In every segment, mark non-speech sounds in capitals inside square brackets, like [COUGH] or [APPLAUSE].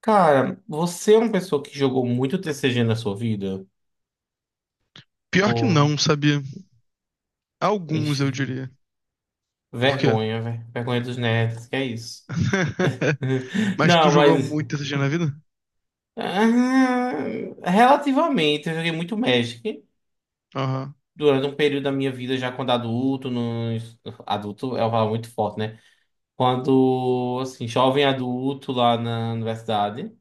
Cara, você é uma pessoa que jogou muito TCG na sua vida? Pior que Ou, não, sabia? Alguns, ixi, eu diria. Por quê? vergonha, velho. Vergonha dos nerds, que é isso? [LAUGHS] [LAUGHS] Mas tu Não, jogou mas. muito TCG na vida? ah, relativamente, eu joguei muito Magic Aham. durante um período da minha vida, já quando adulto. No, adulto é uma palavra muito forte, né? Quando, assim, jovem adulto lá na universidade,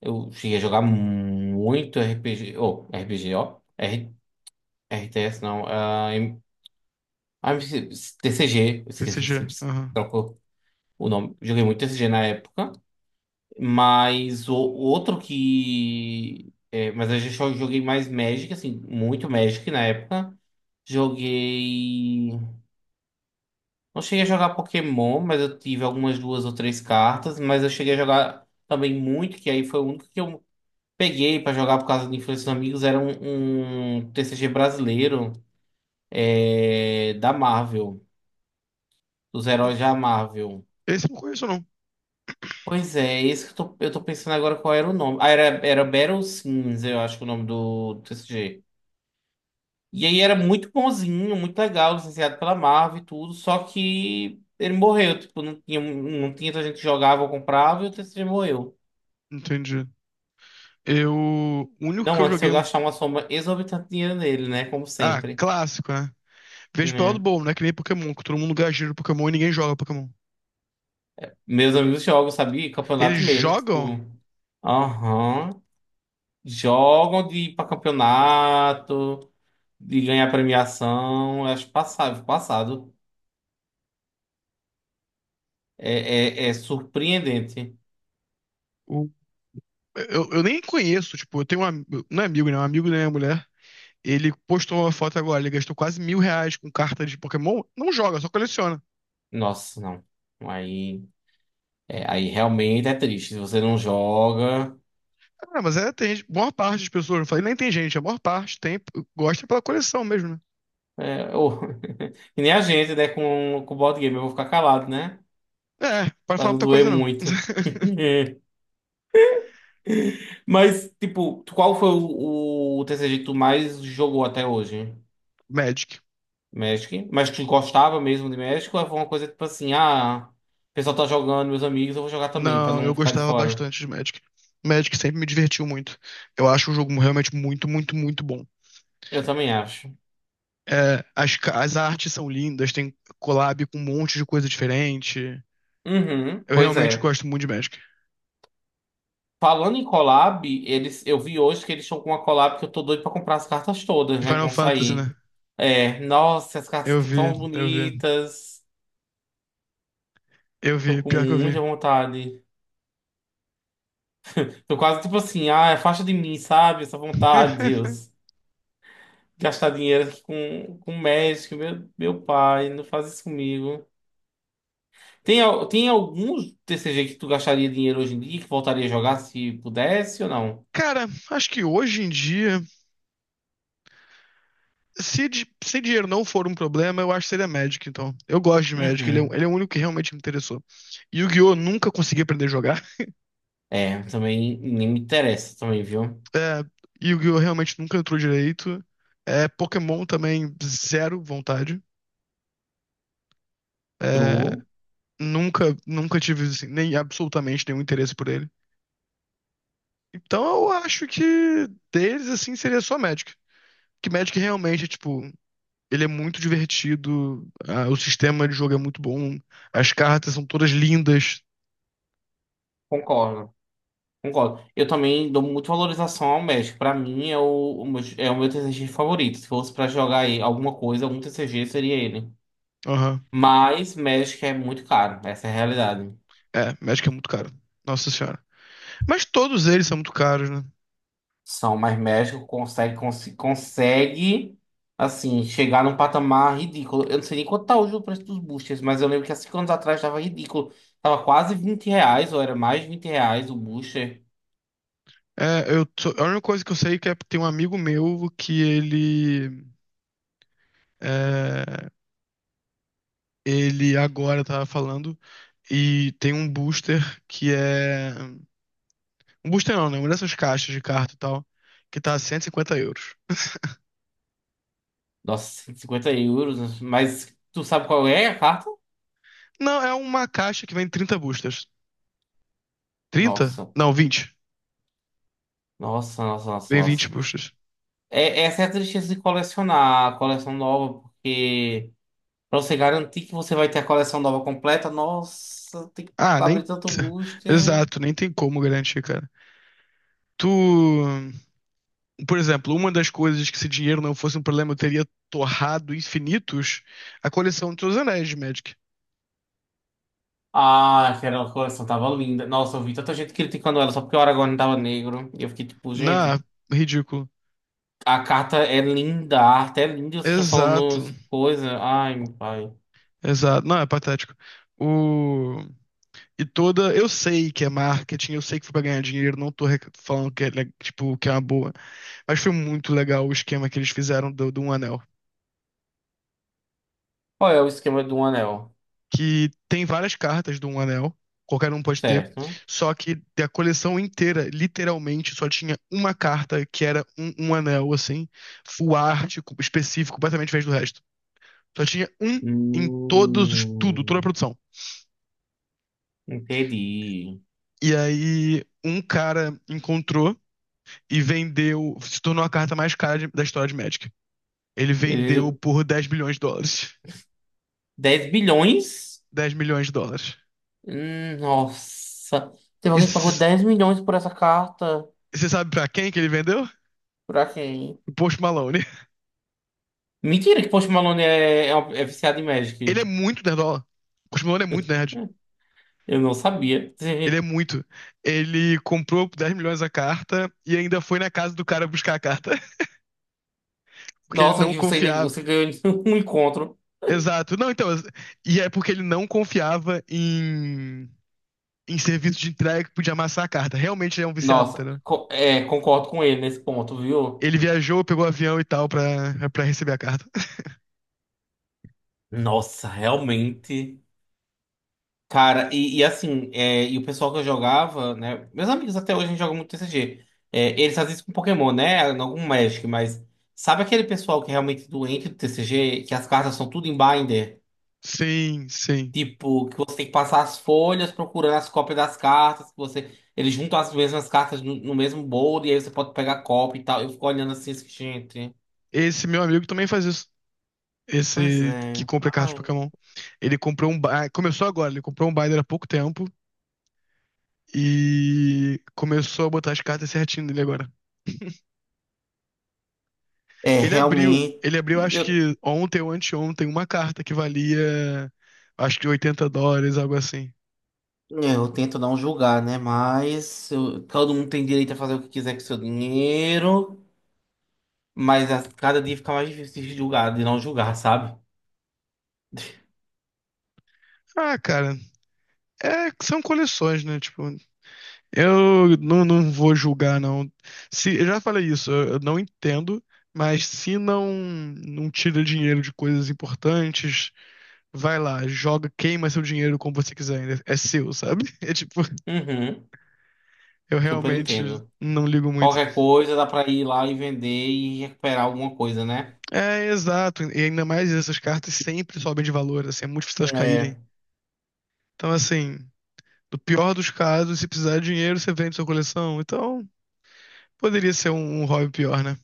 eu cheguei a jogar muito RPG. Ou, RPG, ó. RTS, não. Ah, TCG, eu esqueci, TCG, você aham. trocou o nome. Joguei muito TCG na época, mas o outro que. É, mas eu já só joguei mais Magic, assim, muito Magic na época. Joguei. Não cheguei a jogar Pokémon, mas eu tive algumas 2 ou 3 cartas, mas eu cheguei a jogar também muito, que aí foi o único que eu peguei pra jogar por causa de influência dos amigos, era um TCG brasileiro, é, da Marvel, dos heróis da Marvel. Esse eu não conheço, não. Pois é, esse que eu tô pensando agora qual era o nome. Ah, era Battle Sims, eu acho que é o nome do, TCG. E aí era muito bonzinho, muito legal, licenciado pela Marvel e tudo, só que ele morreu, tipo, não tinha tanta gente que jogava ou comprava e o TCG morreu. Entendi. Eu. O único que Não, eu antes de joguei eu um. gastar uma soma exorbitante de dinheiro nele, né? Como Ah, sempre. clássico, né? Vejo pelo lado Né? bom, né? Que nem Pokémon, que todo mundo gasta no Pokémon e ninguém joga Pokémon. Meus amigos jogam, sabe? Eles Campeonato mesmo, tipo, jogam. aham. Jogam de ir pra campeonato, de ganhar premiação, eu acho passável, passado. É surpreendente. O... eu nem conheço, tipo, eu tenho um. Não é amigo, né? Um amigo da minha mulher. Ele postou uma foto agora, ele gastou quase R$ 1.000 com cartas de Pokémon. Não joga, só coleciona. Nossa, não. Aí, aí realmente é triste. Se você não joga. Ah, mas é, boa parte das pessoas, não falei nem tem gente, a maior parte tem, gosta pela coleção mesmo, né? É, [LAUGHS] e nem a gente, né? Com o board game, eu vou ficar calado, né? É, para Pra falar não muita doer coisa não. muito. [LAUGHS] [LAUGHS] Mas, tipo, qual foi o TCG que tu mais jogou até hoje? Magic. Magic? Mas tu gostava mesmo de Magic? Ou foi uma coisa tipo assim, ah, o pessoal tá jogando, meus amigos, eu vou jogar também, pra Não, eu não ficar de gostava fora? bastante de Magic. Magic sempre me divertiu muito. Eu acho o jogo realmente muito, muito, muito bom. Eu também acho. É, as artes são lindas, tem collab com um monte de coisa diferente. Uhum, Eu pois realmente é. gosto muito de Magic. Falando em collab, eles, eu vi hoje que eles estão com uma collab que eu tô doido pra comprar as cartas todas, De né? Que Final vão Fantasy, sair. né? É, nossa, as cartas Eu estão tão vi, eu vi, bonitas. eu Tô vi, com pior que eu muita vi. vontade. Tô quase tipo assim, ah, afasta de mim, sabe? Essa vontade, [LAUGHS] Deus. Gastar dinheiro aqui com Magic, meu pai, não faz isso comigo. Tem algum TCG que tu gastaria dinheiro hoje em dia que voltaria a jogar se pudesse ou não? Cara, acho que hoje em dia. Se dinheiro não for um problema, eu acho que seria Magic, então. Eu gosto de Magic, ele é, o- ele Uhum. é o único que realmente me interessou. Yu-Gi-Oh! Nunca consegui aprender a jogar. [LAUGHS] É, também nem me interessa também, viu? É, Yu-Gi-Oh! Realmente nunca entrou direito. É, Pokémon também, zero vontade. É, True. nunca tive, assim, nem absolutamente nenhum interesse por ele. Então eu acho que deles, assim, seria só Magic. Que Magic realmente, tipo, ele é muito divertido, o sistema de jogo é muito bom, as cartas são todas lindas. Concordo, concordo. Eu também dou muita valorização ao Magic. Pra mim é o meu TCG favorito. Se fosse pra jogar aí alguma coisa, algum TCG seria ele. Aham. Mas Magic é muito caro, essa é a realidade. É, Magic é muito caro. Nossa senhora. Mas todos eles são muito caros, né? São, mas Magic consegue, assim, chegar num patamar ridículo. Eu não sei nem quanto tá hoje o preço dos boosters, mas eu lembro que há 5 anos atrás tava ridículo. Tava quase R$ 20, ou era mais de R$ 20 o booster. É, a única coisa que eu sei é que tem um amigo meu que ele. É, ele agora tava falando e tem um booster que é. Um booster não, né? Uma dessas caixas de carta e tal, que tá € 150. Nossa, 150 euros. Mas tu sabe qual é a carta? Não, é uma caixa que vem 30 boosters. Trinta? Nossa. Não, 20. Nossa, nossa, nossa, Vem 20 nossa. boosters. É, essa é a tristeza de colecionar a coleção nova, porque pra você garantir que você vai ter a coleção nova completa, nossa, tem que Ah, abrir nem. tanto [LAUGHS] booster. Exato, nem tem como garantir, cara. Tu. Por exemplo, uma das coisas que se dinheiro não fosse um problema, eu teria torrado infinitos a coleção de seus anéis de Magic. Ah, aquela coleção tava linda. Nossa, eu vi tanta gente criticando ela só porque o Aragorn tava negro. E eu fiquei tipo, gente, Não, ridículo. a carta é linda, a arte é linda e vocês estão falando Exato, essa coisa. Ai, meu pai. exato. Não, é patético. O... E toda. Eu sei que é marketing, eu sei que foi pra ganhar dinheiro, não tô falando que é, tipo, que é uma boa. Mas foi muito legal o esquema que eles fizeram do Um Anel. Qual é o esquema do anel? Que tem várias cartas do Um Anel, qualquer um pode ter, Certo? só que da coleção inteira, literalmente, só tinha uma carta que era um anel, assim, full art, específico, completamente diferente do resto. Só tinha um em todos os, tudo, toda a Hum, produção. entendi. E aí, um cara encontrou e vendeu, se tornou a carta mais cara da história de Magic. Ele vendeu Ele- por US$ 10 bilhões. 10 bilhões? [LAUGHS] Dez milhões de dólares. Nossa. Teve E alguém que pagou você 10 milhões por essa carta? sabe pra quem que ele vendeu? Pra quem? Pro Post Malone. Mentira que Post Malone é viciado em Ele Magic. é muito nerdola. O Chris é muito nerd. Hum, Eu não sabia. [LAUGHS] Ele é muito. Ele comprou por 10 milhões a carta e ainda foi na casa do cara buscar a carta, [LAUGHS] porque ele Nossa, não que você, ainda- confiava. você ganhou [LAUGHS] um encontro. Exato. Não, então. E é porque ele não confiava em serviço de entrega que podia amassar a carta. Realmente ele é um viciado, Nossa, entendeu? Concordo com ele nesse ponto, viu? Ele viajou, pegou o avião e tal pra receber a carta. [LAUGHS] Nossa, realmente. Cara, e assim, é, e o pessoal que eu jogava, né? Meus amigos até hoje a gente joga muito TCG. É, eles fazem isso com Pokémon, né? Não com Magic, mas sabe aquele pessoal que é realmente doente do TCG, que as cartas são tudo em binder? Sim, sim. Tipo, que você tem que passar as folhas procurando as cópias das cartas, que você. Eles juntam as mesmas cartas no mesmo bolo, e aí você pode pegar cópia e tal. Eu fico olhando assim, gente. Esse meu amigo também faz isso. Pois Esse que é. compra cartas de Ai. Pokémon. Ele comprou um. Começou agora, ele comprou um binder há pouco tempo e começou a botar as cartas certinho nele agora. É, Ele abriu, realmente. ele abriu, acho que ontem ou anteontem, uma carta que valia, acho que US$ 80, algo assim. É, eu tento não julgar, né? Mas todo mundo tem direito a fazer o que quiser com o seu dinheiro. Mas a cada dia fica mais difícil de julgar, de não julgar, sabe? Ah, cara, é, são coleções, né? Tipo, eu não vou julgar, não. Se, eu já falei isso, eu não entendo, mas se não tira dinheiro de coisas importantes, vai lá, joga, queima seu dinheiro como você quiser, ainda é seu, sabe? [LAUGHS] É tipo, Uhum, eu super realmente entendo. não ligo muito. Qualquer coisa dá pra ir lá e vender e recuperar alguma coisa, né? É, exato, e ainda mais essas cartas sempre sobem de valor, assim, é muito difícil elas caírem. É. Então, assim, no pior dos casos, se precisar de dinheiro, você vende sua coleção. Então, poderia ser um hobby pior, né?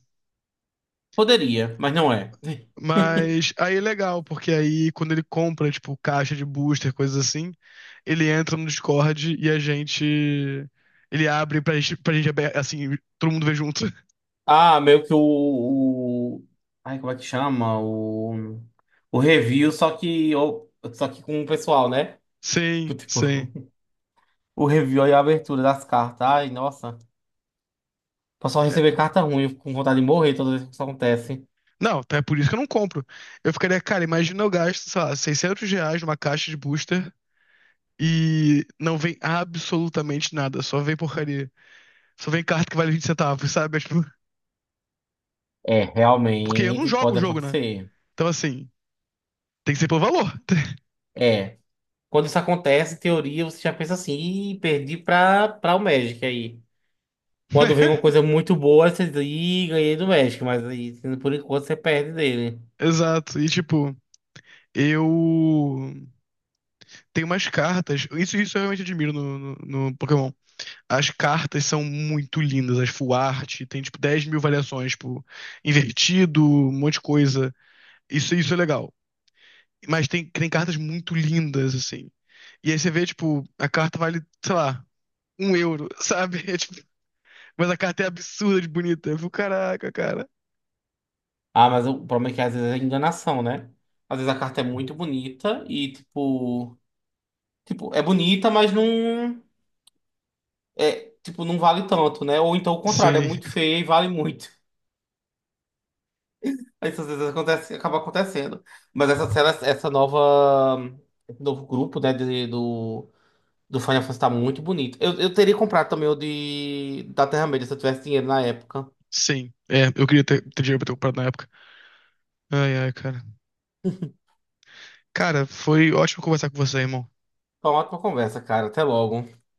Poderia, mas não é. [LAUGHS] Mas aí é legal, porque aí quando ele compra, tipo, caixa de booster, coisas assim, ele entra no Discord e a gente. Ele abre pra gente, assim, todo mundo vê junto. Ah, meio que o- ai, como é que chama? O review, só que com o pessoal, né? Tipo, Sim, tipo, sim. [LAUGHS] o review e a abertura das cartas. Ai, nossa. Pra só É. receber carta ruim com vontade de morrer toda vez que isso acontece. Não, então é por isso que eu não compro. Eu ficaria, cara, imagina eu gasto, sei lá, R$ 600 numa caixa de booster e não vem absolutamente nada, só vem porcaria. Só vem carta que vale 20 centavos, sabe? [LAUGHS] É, tipo, É, porque eu não realmente jogo o pode jogo, né? acontecer. Então, assim, tem que ser pelo valor. É. Quando isso acontece, em teoria, você já pensa assim, Ih, perdi pra o Magic aí. Quando vem uma [LAUGHS] coisa muito boa, você diz, Ih, ganhei do Magic, mas aí, por enquanto, você perde dele. Exato. E, tipo, eu tenho umas cartas. Isso eu realmente admiro no Pokémon. As cartas são muito lindas, as full art, tem tipo 10 mil variações, tipo, invertido, um monte de coisa. Isso é legal. Mas tem cartas muito lindas, assim. E aí você vê, tipo, a carta vale, sei lá, € 1, sabe? [LAUGHS] É, tipo, mas a carta é absurda de bonita. Eu fico, caraca, cara. Ah, mas o problema é que às vezes é enganação, né? Às vezes a carta é muito bonita e, tipo, é bonita, mas não. É, tipo, não vale tanto, né? Ou então o contrário, é Sim, muito feia e vale muito. Isso às vezes acontece, acaba acontecendo. Mas essa cena, essa nova, esse novo grupo, né, do Final Fantasy tá muito bonito. Eu teria comprado também o de da Terra-média se eu tivesse dinheiro na época. sim. É, eu queria ter, dinheiro pra ter comprado na época. Ai, ai, cara. Cara, foi ótimo conversar com você, irmão. Foi uma ótima conversa, cara. Até logo.